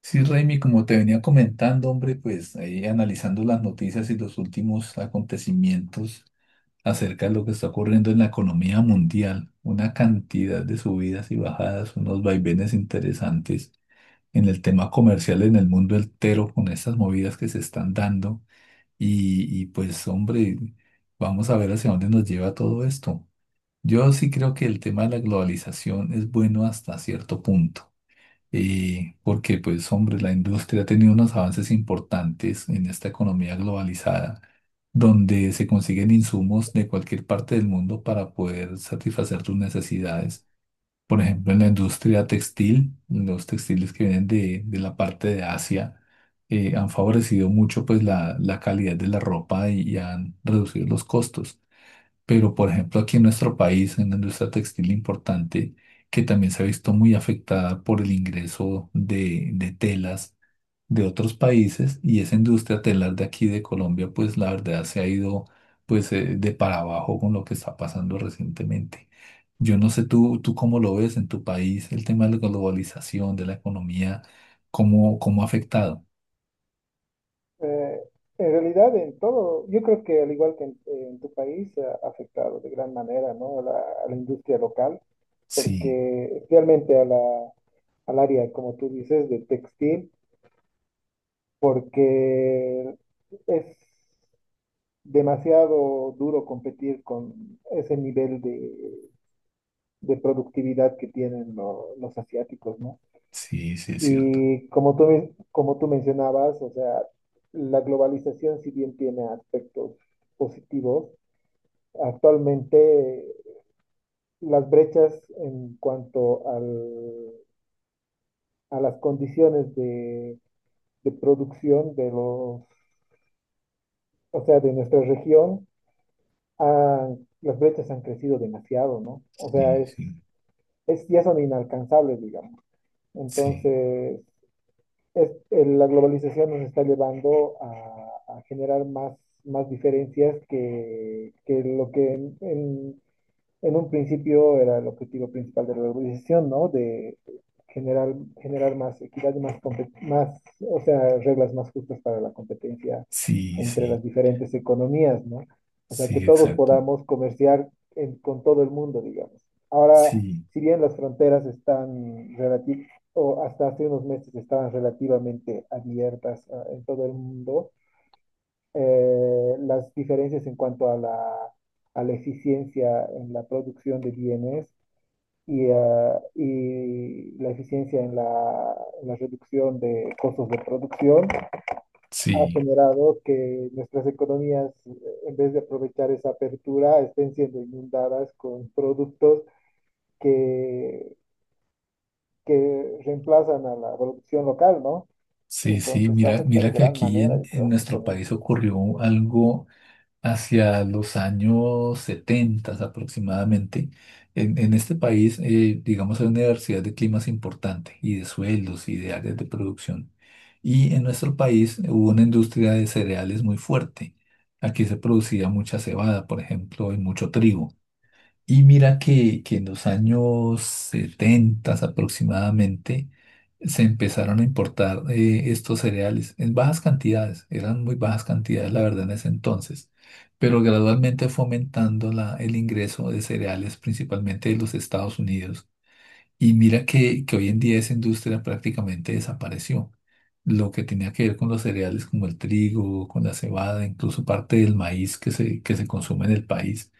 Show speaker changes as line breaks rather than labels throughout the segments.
Sí, Raimi, como te venía comentando, hombre, pues ahí analizando las noticias y los últimos acontecimientos acerca de lo que está ocurriendo en la economía mundial, una cantidad de subidas y bajadas, unos vaivenes interesantes en el tema comercial en el mundo entero con estas movidas que se están dando y pues, hombre, vamos a ver hacia dónde nos lleva todo esto. Yo sí creo que el tema de la globalización es bueno hasta cierto punto, porque pues hombre, la industria ha tenido unos avances importantes en esta economía globalizada, donde se consiguen insumos de cualquier parte del mundo para poder satisfacer tus necesidades. Por ejemplo, en la industria textil, los textiles que vienen de la parte de Asia han favorecido mucho pues la calidad de la ropa y han reducido los costos. Pero, por ejemplo, aquí en nuestro país, en la industria textil importante, que también se ha visto muy afectada por el ingreso de telas de otros países, y esa industria telar de aquí de Colombia, pues la verdad se ha ido pues de para abajo con lo que está pasando recientemente. Yo no sé tú cómo lo ves en tu país, el tema de la globalización, de la economía, cómo ha afectado.
Eh, en realidad, en todo, yo creo que al igual que en tu país, ha afectado de gran manera, ¿no? A la industria local,
Sí,
porque especialmente a al área, como tú dices, de textil, porque es demasiado duro competir con ese nivel de productividad que tienen los asiáticos, ¿no?
sí, sí, es cierto.
Y como como tú mencionabas, o sea, la globalización, si bien tiene aspectos positivos, actualmente las brechas en cuanto a las condiciones de producción de o sea, de nuestra región, las brechas han crecido demasiado, ¿no? O sea,
Sí, sí,
ya son inalcanzables, digamos.
sí,
Entonces, es- la globalización nos está llevando a generar más, más diferencias que lo que en un principio era el objetivo principal de la organización, ¿no? De generar, generar más equidad, más, más, o sea, reglas más justas para la competencia
sí,
entre
sí,
las diferentes economías, ¿no? O sea, que
sí,
todos
exacto.
podamos comerciar con todo el mundo, digamos. Ahora,
Sí,
si bien las fronteras están relativamente, o hasta hace unos meses estaban relativamente abiertas, ah, en todo el mundo, las diferencias en cuanto a la eficiencia en la producción de bienes y, ah, y la eficiencia en en la reducción de costos de producción ha
sí,
generado que nuestras economías, en vez de aprovechar esa apertura, estén siendo inundadas con productos que, que reemplazan a la producción local, ¿no?
sí, sí.
Entonces
Mira,
afecta
mira
de
que
gran
aquí
manera,
en,
yo creo,
en
a las
nuestro
economías.
país ocurrió algo hacia los años 70 aproximadamente. En este país, digamos, hay una diversidad de climas importante y de sueldos y de áreas de producción. Y en nuestro país hubo una industria de cereales muy fuerte. Aquí se producía mucha cebada, por ejemplo, y mucho trigo. Y mira que en los años 70 aproximadamente se empezaron a importar estos cereales en bajas cantidades, eran muy bajas cantidades la verdad en ese entonces, pero gradualmente fue aumentando el ingreso de cereales principalmente de los Estados Unidos. Y mira que hoy en día esa industria prácticamente desapareció. Lo que tenía que ver con los cereales como el trigo, con la cebada, incluso parte del maíz que se consume en el país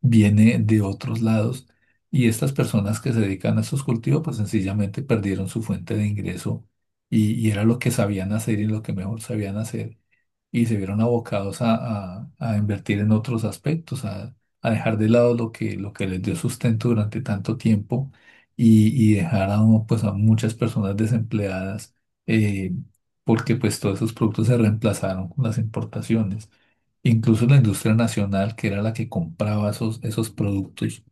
viene de otros lados y estas personas que se dedican a estos cultivos pues sencillamente perdieron su fuente de ingreso y era lo que sabían hacer y lo que mejor sabían hacer y se vieron abocados a, a invertir en otros aspectos, a dejar de lado lo que les dio sustento durante tanto tiempo y dejar a, uno, pues, a muchas personas desempleadas eh, porque pues todos esos productos se reemplazaron con las importaciones. Incluso la industria nacional, que era la que compraba esos productos,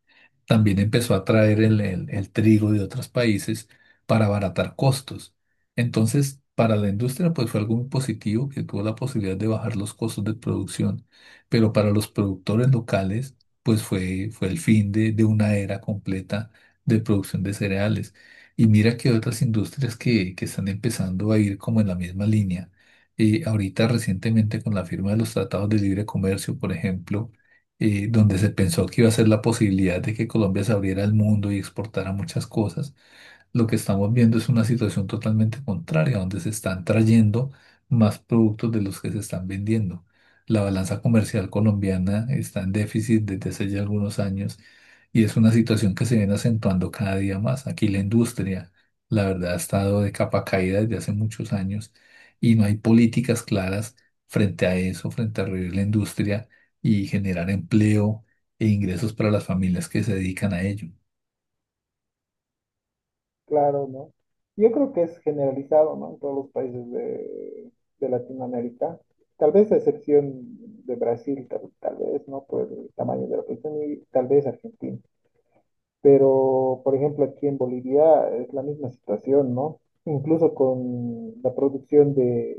también empezó a traer el, el trigo de otros países para abaratar costos. Entonces, para la industria, pues fue algo muy positivo que tuvo la posibilidad de bajar los costos de producción, pero para los productores locales, pues fue el fin de una era completa de producción de cereales. Y mira que otras industrias que están empezando a ir como en la misma línea. Ahorita recientemente con la firma de los tratados de libre comercio, por ejemplo, donde se pensó que iba a ser la posibilidad de que Colombia se abriera al mundo y exportara muchas cosas lo que estamos viendo es una situación totalmente contraria, donde se están trayendo más productos de los que se están vendiendo. La balanza comercial colombiana está en déficit desde hace ya algunos años y es una situación que se viene acentuando cada día más. Aquí la industria, la verdad, ha estado de capa caída desde hace muchos años y no hay políticas claras frente a eso, frente a revivir la industria y generar empleo e ingresos para las familias que se dedican a ello.
Claro, ¿no? Yo creo que es generalizado, ¿no? En todos los países de Latinoamérica. Tal vez a excepción de Brasil, tal vez, ¿no? Por el tamaño de la población y tal vez Argentina. Pero, por ejemplo, aquí en Bolivia es la misma situación, ¿no? Incluso con la producción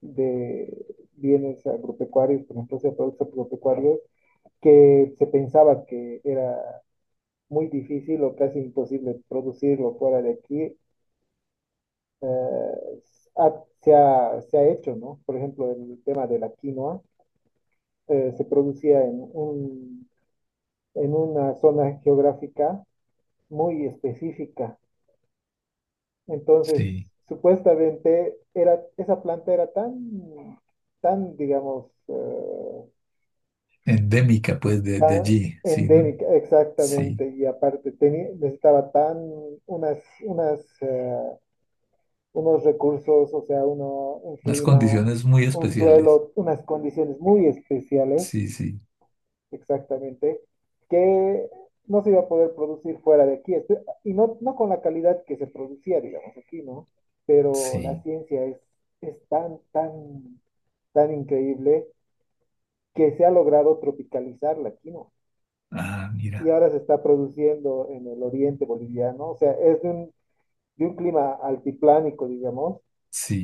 de bienes agropecuarios, por ejemplo, de productos agropecuarios, que se pensaba que era muy difícil o casi imposible producirlo fuera de aquí, eh, se ha hecho, ¿no? Por ejemplo, el tema de la quinoa se producía en en una zona geográfica muy específica. Entonces,
Sí.
supuestamente era, esa planta era digamos,
Endémica, pues, de
tan
allí, sí, ¿no?
endémica,
Sí,
exactamente, y aparte tenía, necesitaba tan unas, unas, eh, unos recursos, o sea, un
unas
clima,
condiciones muy
un
especiales.
suelo, unas condiciones muy especiales,
Sí, sí,
exactamente, que no se iba a poder producir fuera de aquí. Y no, no con la calidad que se producía, digamos, aquí, ¿no? Pero la
sí.
ciencia es tan increíble que se ha logrado tropicalizarla aquí, ¿no?
Ah,
Y
mira,
ahora se está produciendo en el oriente boliviano, o sea, es de de un clima altiplánico, digamos,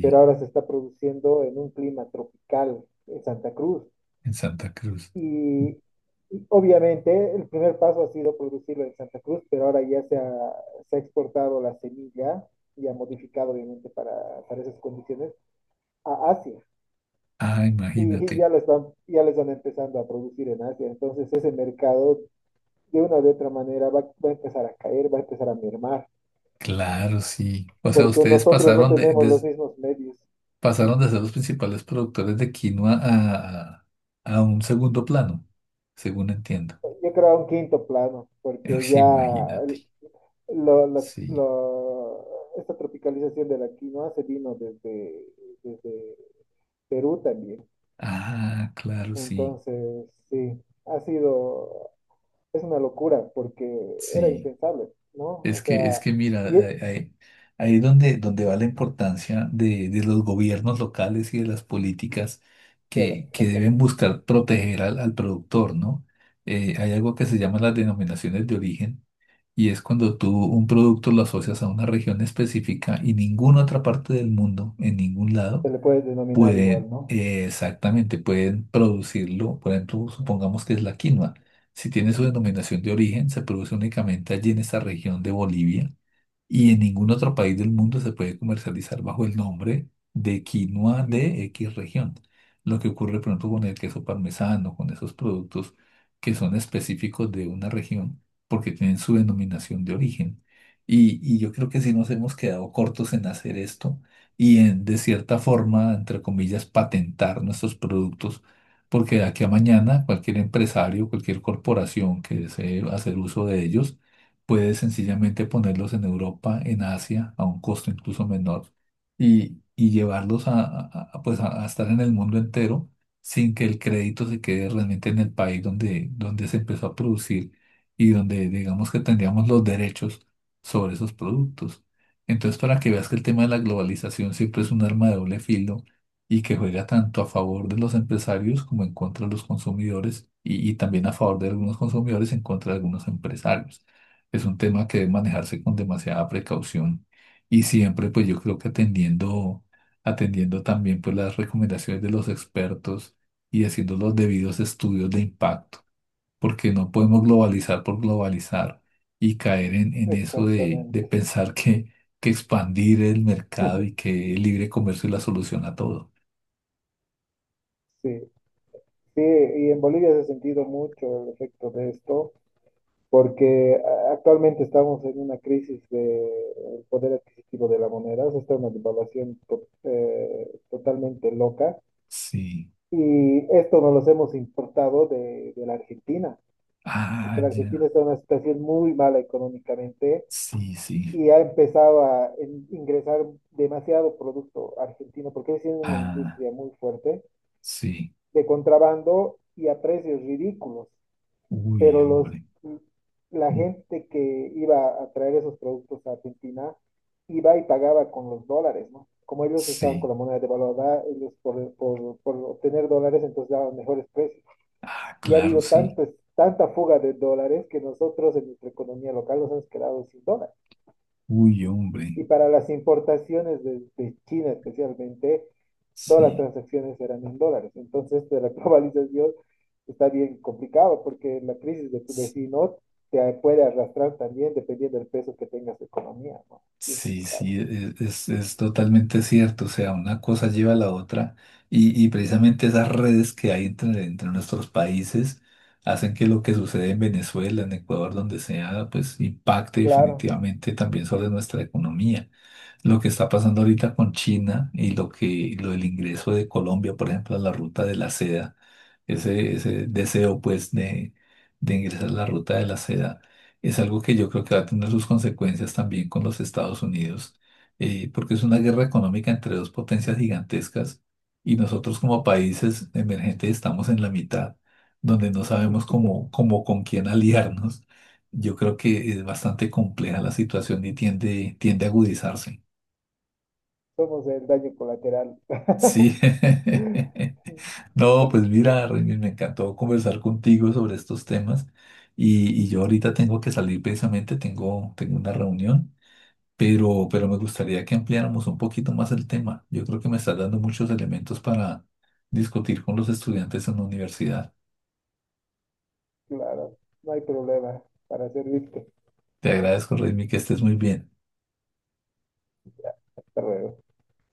pero ahora se está produciendo en un clima tropical en Santa Cruz.
en Santa Cruz.
Y, y obviamente el primer paso ha sido producirlo en Santa Cruz, pero ahora ya se ha exportado la semilla y ha modificado obviamente para esas condiciones a Asia.
Ah,
Y
imagínate.
ya lo están empezando a producir en Asia. Entonces ese mercado de una u otra manera va a empezar a caer, va a empezar a mermar
Claro, sí. O sea,
porque
ustedes
nosotros no
pasaron
tenemos los mismos medios.
pasaron de ser los principales productores de quinoa a, a un segundo plano, según entiendo.
Yo creo a un quinto plano, porque
Uy,
ya
imagínate.
lo- la-
Sí.
la- esta tropicalización de la quinoa se vino desde Perú también.
Ah, claro, sí,
Entonces, sí, ha sido, es una locura porque era
sí.
impensable, ¿no? O sea,
Es que mira,
y e-
ahí es donde, donde va la importancia de los gobiernos locales y de las políticas
era,
que deben
exactamente,
buscar proteger al, al productor, ¿no? Hay algo que se llama las denominaciones de origen y es cuando tú un producto lo asocias a una región específica y ninguna otra parte del mundo, en ningún lado,
se le puede denominar igual,
pueden,
¿no?
exactamente, pueden producirlo. Por ejemplo, supongamos que es la quinoa. Si tiene su denominación de origen, se produce únicamente allí en esa región de Bolivia y en ningún otro país del mundo se puede comercializar bajo el nombre de
De
quinoa
quinoa.
de X región. Lo que ocurre, por ejemplo, con el queso parmesano, con esos productos que son específicos de una región porque tienen su denominación de origen. Y yo creo que sí nos hemos quedado cortos en hacer esto y en, de cierta forma, entre comillas, patentar nuestros productos, porque de aquí a mañana cualquier empresario, cualquier corporación que desee hacer uso de ellos, puedes sencillamente ponerlos en Europa, en Asia, a un costo incluso menor, y llevarlos a- pues a estar en el mundo entero sin que el crédito se quede realmente en el país donde se empezó a producir y donde digamos que tendríamos los derechos sobre esos productos. Entonces, para que veas que el tema de la globalización siempre es un arma de doble filo y que juega tanto a favor de los empresarios como en contra de los consumidores y también a favor de algunos consumidores en contra de algunos empresarios es un tema que debe manejarse con demasiada precaución y siempre pues yo creo que atendiendo, atendiendo también pues las recomendaciones de los expertos y haciendo los debidos estudios de impacto, porque no podemos globalizar por globalizar y caer en eso de
Exactamente.
pensar que expandir el mercado y que el libre comercio es la solución a todo.
Sí, sí, y en Bolivia se ha sentido mucho el efecto de esto, porque actualmente estamos en una crisis del poder adquisitivo de la moneda, o sea, está una devaluación totalmente loca
Sí,
y esto nos los hemos importado de la Argentina, porque
ah,
la Argentina
ya,
está en una situación muy mala económicamente
sí, sí,
y ha empezado ingresar demasiado producto argentino, porque es una
ah,
industria muy fuerte
sí,
de contrabando y a precios ridículos.
uy,
Pero los,
hombre,
la
mm,
gente que iba a traer esos productos a Argentina iba y pagaba con los dólares, ¿no? Como ellos estaban con
sí.
la moneda devaluada, ellos por obtener dólares entonces daban mejores precios.
Ah,
Y ha
claro,
habido
sí.
tanto, tanta fuga de dólares que nosotros en nuestra economía local nos hemos quedado sin dólares.
Uy, hombre,
Y para las importaciones de China especialmente, todas las
sí.
transacciones eran en dólares. Entonces, de la globalización está bien complicado porque la crisis de tu
s-
vecino te puede arrastrar también dependiendo del peso que tengas de economía, ¿no? Bien
Sí,
complicado.
sí, es totalmente cierto. O sea, una cosa lleva a la otra y precisamente esas redes que hay entre nuestros países hacen que lo que sucede en Venezuela, en Ecuador, donde sea, pues impacte
Claro,
definitivamente también sobre nuestra economía. Lo que está pasando ahorita con China y lo que lo del ingreso de Colombia, por ejemplo, a la ruta de la seda, ese deseo pues de ingresar a la ruta de la seda, es algo que yo creo que va a tener sus consecuencias también con los Estados Unidos, porque es una guerra económica entre dos potencias gigantescas y nosotros como países emergentes estamos en la mitad, donde no sabemos cómo, cómo con quién aliarnos. Yo creo que es bastante compleja la situación y tiende, tiende a agudizarse.
somos el daño colateral.
Sí. No, pues
No,
mira, Remy, me encantó conversar contigo sobre estos temas y yo ahorita tengo que salir precisamente, tengo una reunión, pero me gustaría que ampliáramos un poquito más el tema. Yo creo que me estás dando muchos elementos para discutir con los estudiantes en la universidad.
claro, no hay problema para servirte.
Te agradezco, Remy, que estés muy bien.
Hasta luego.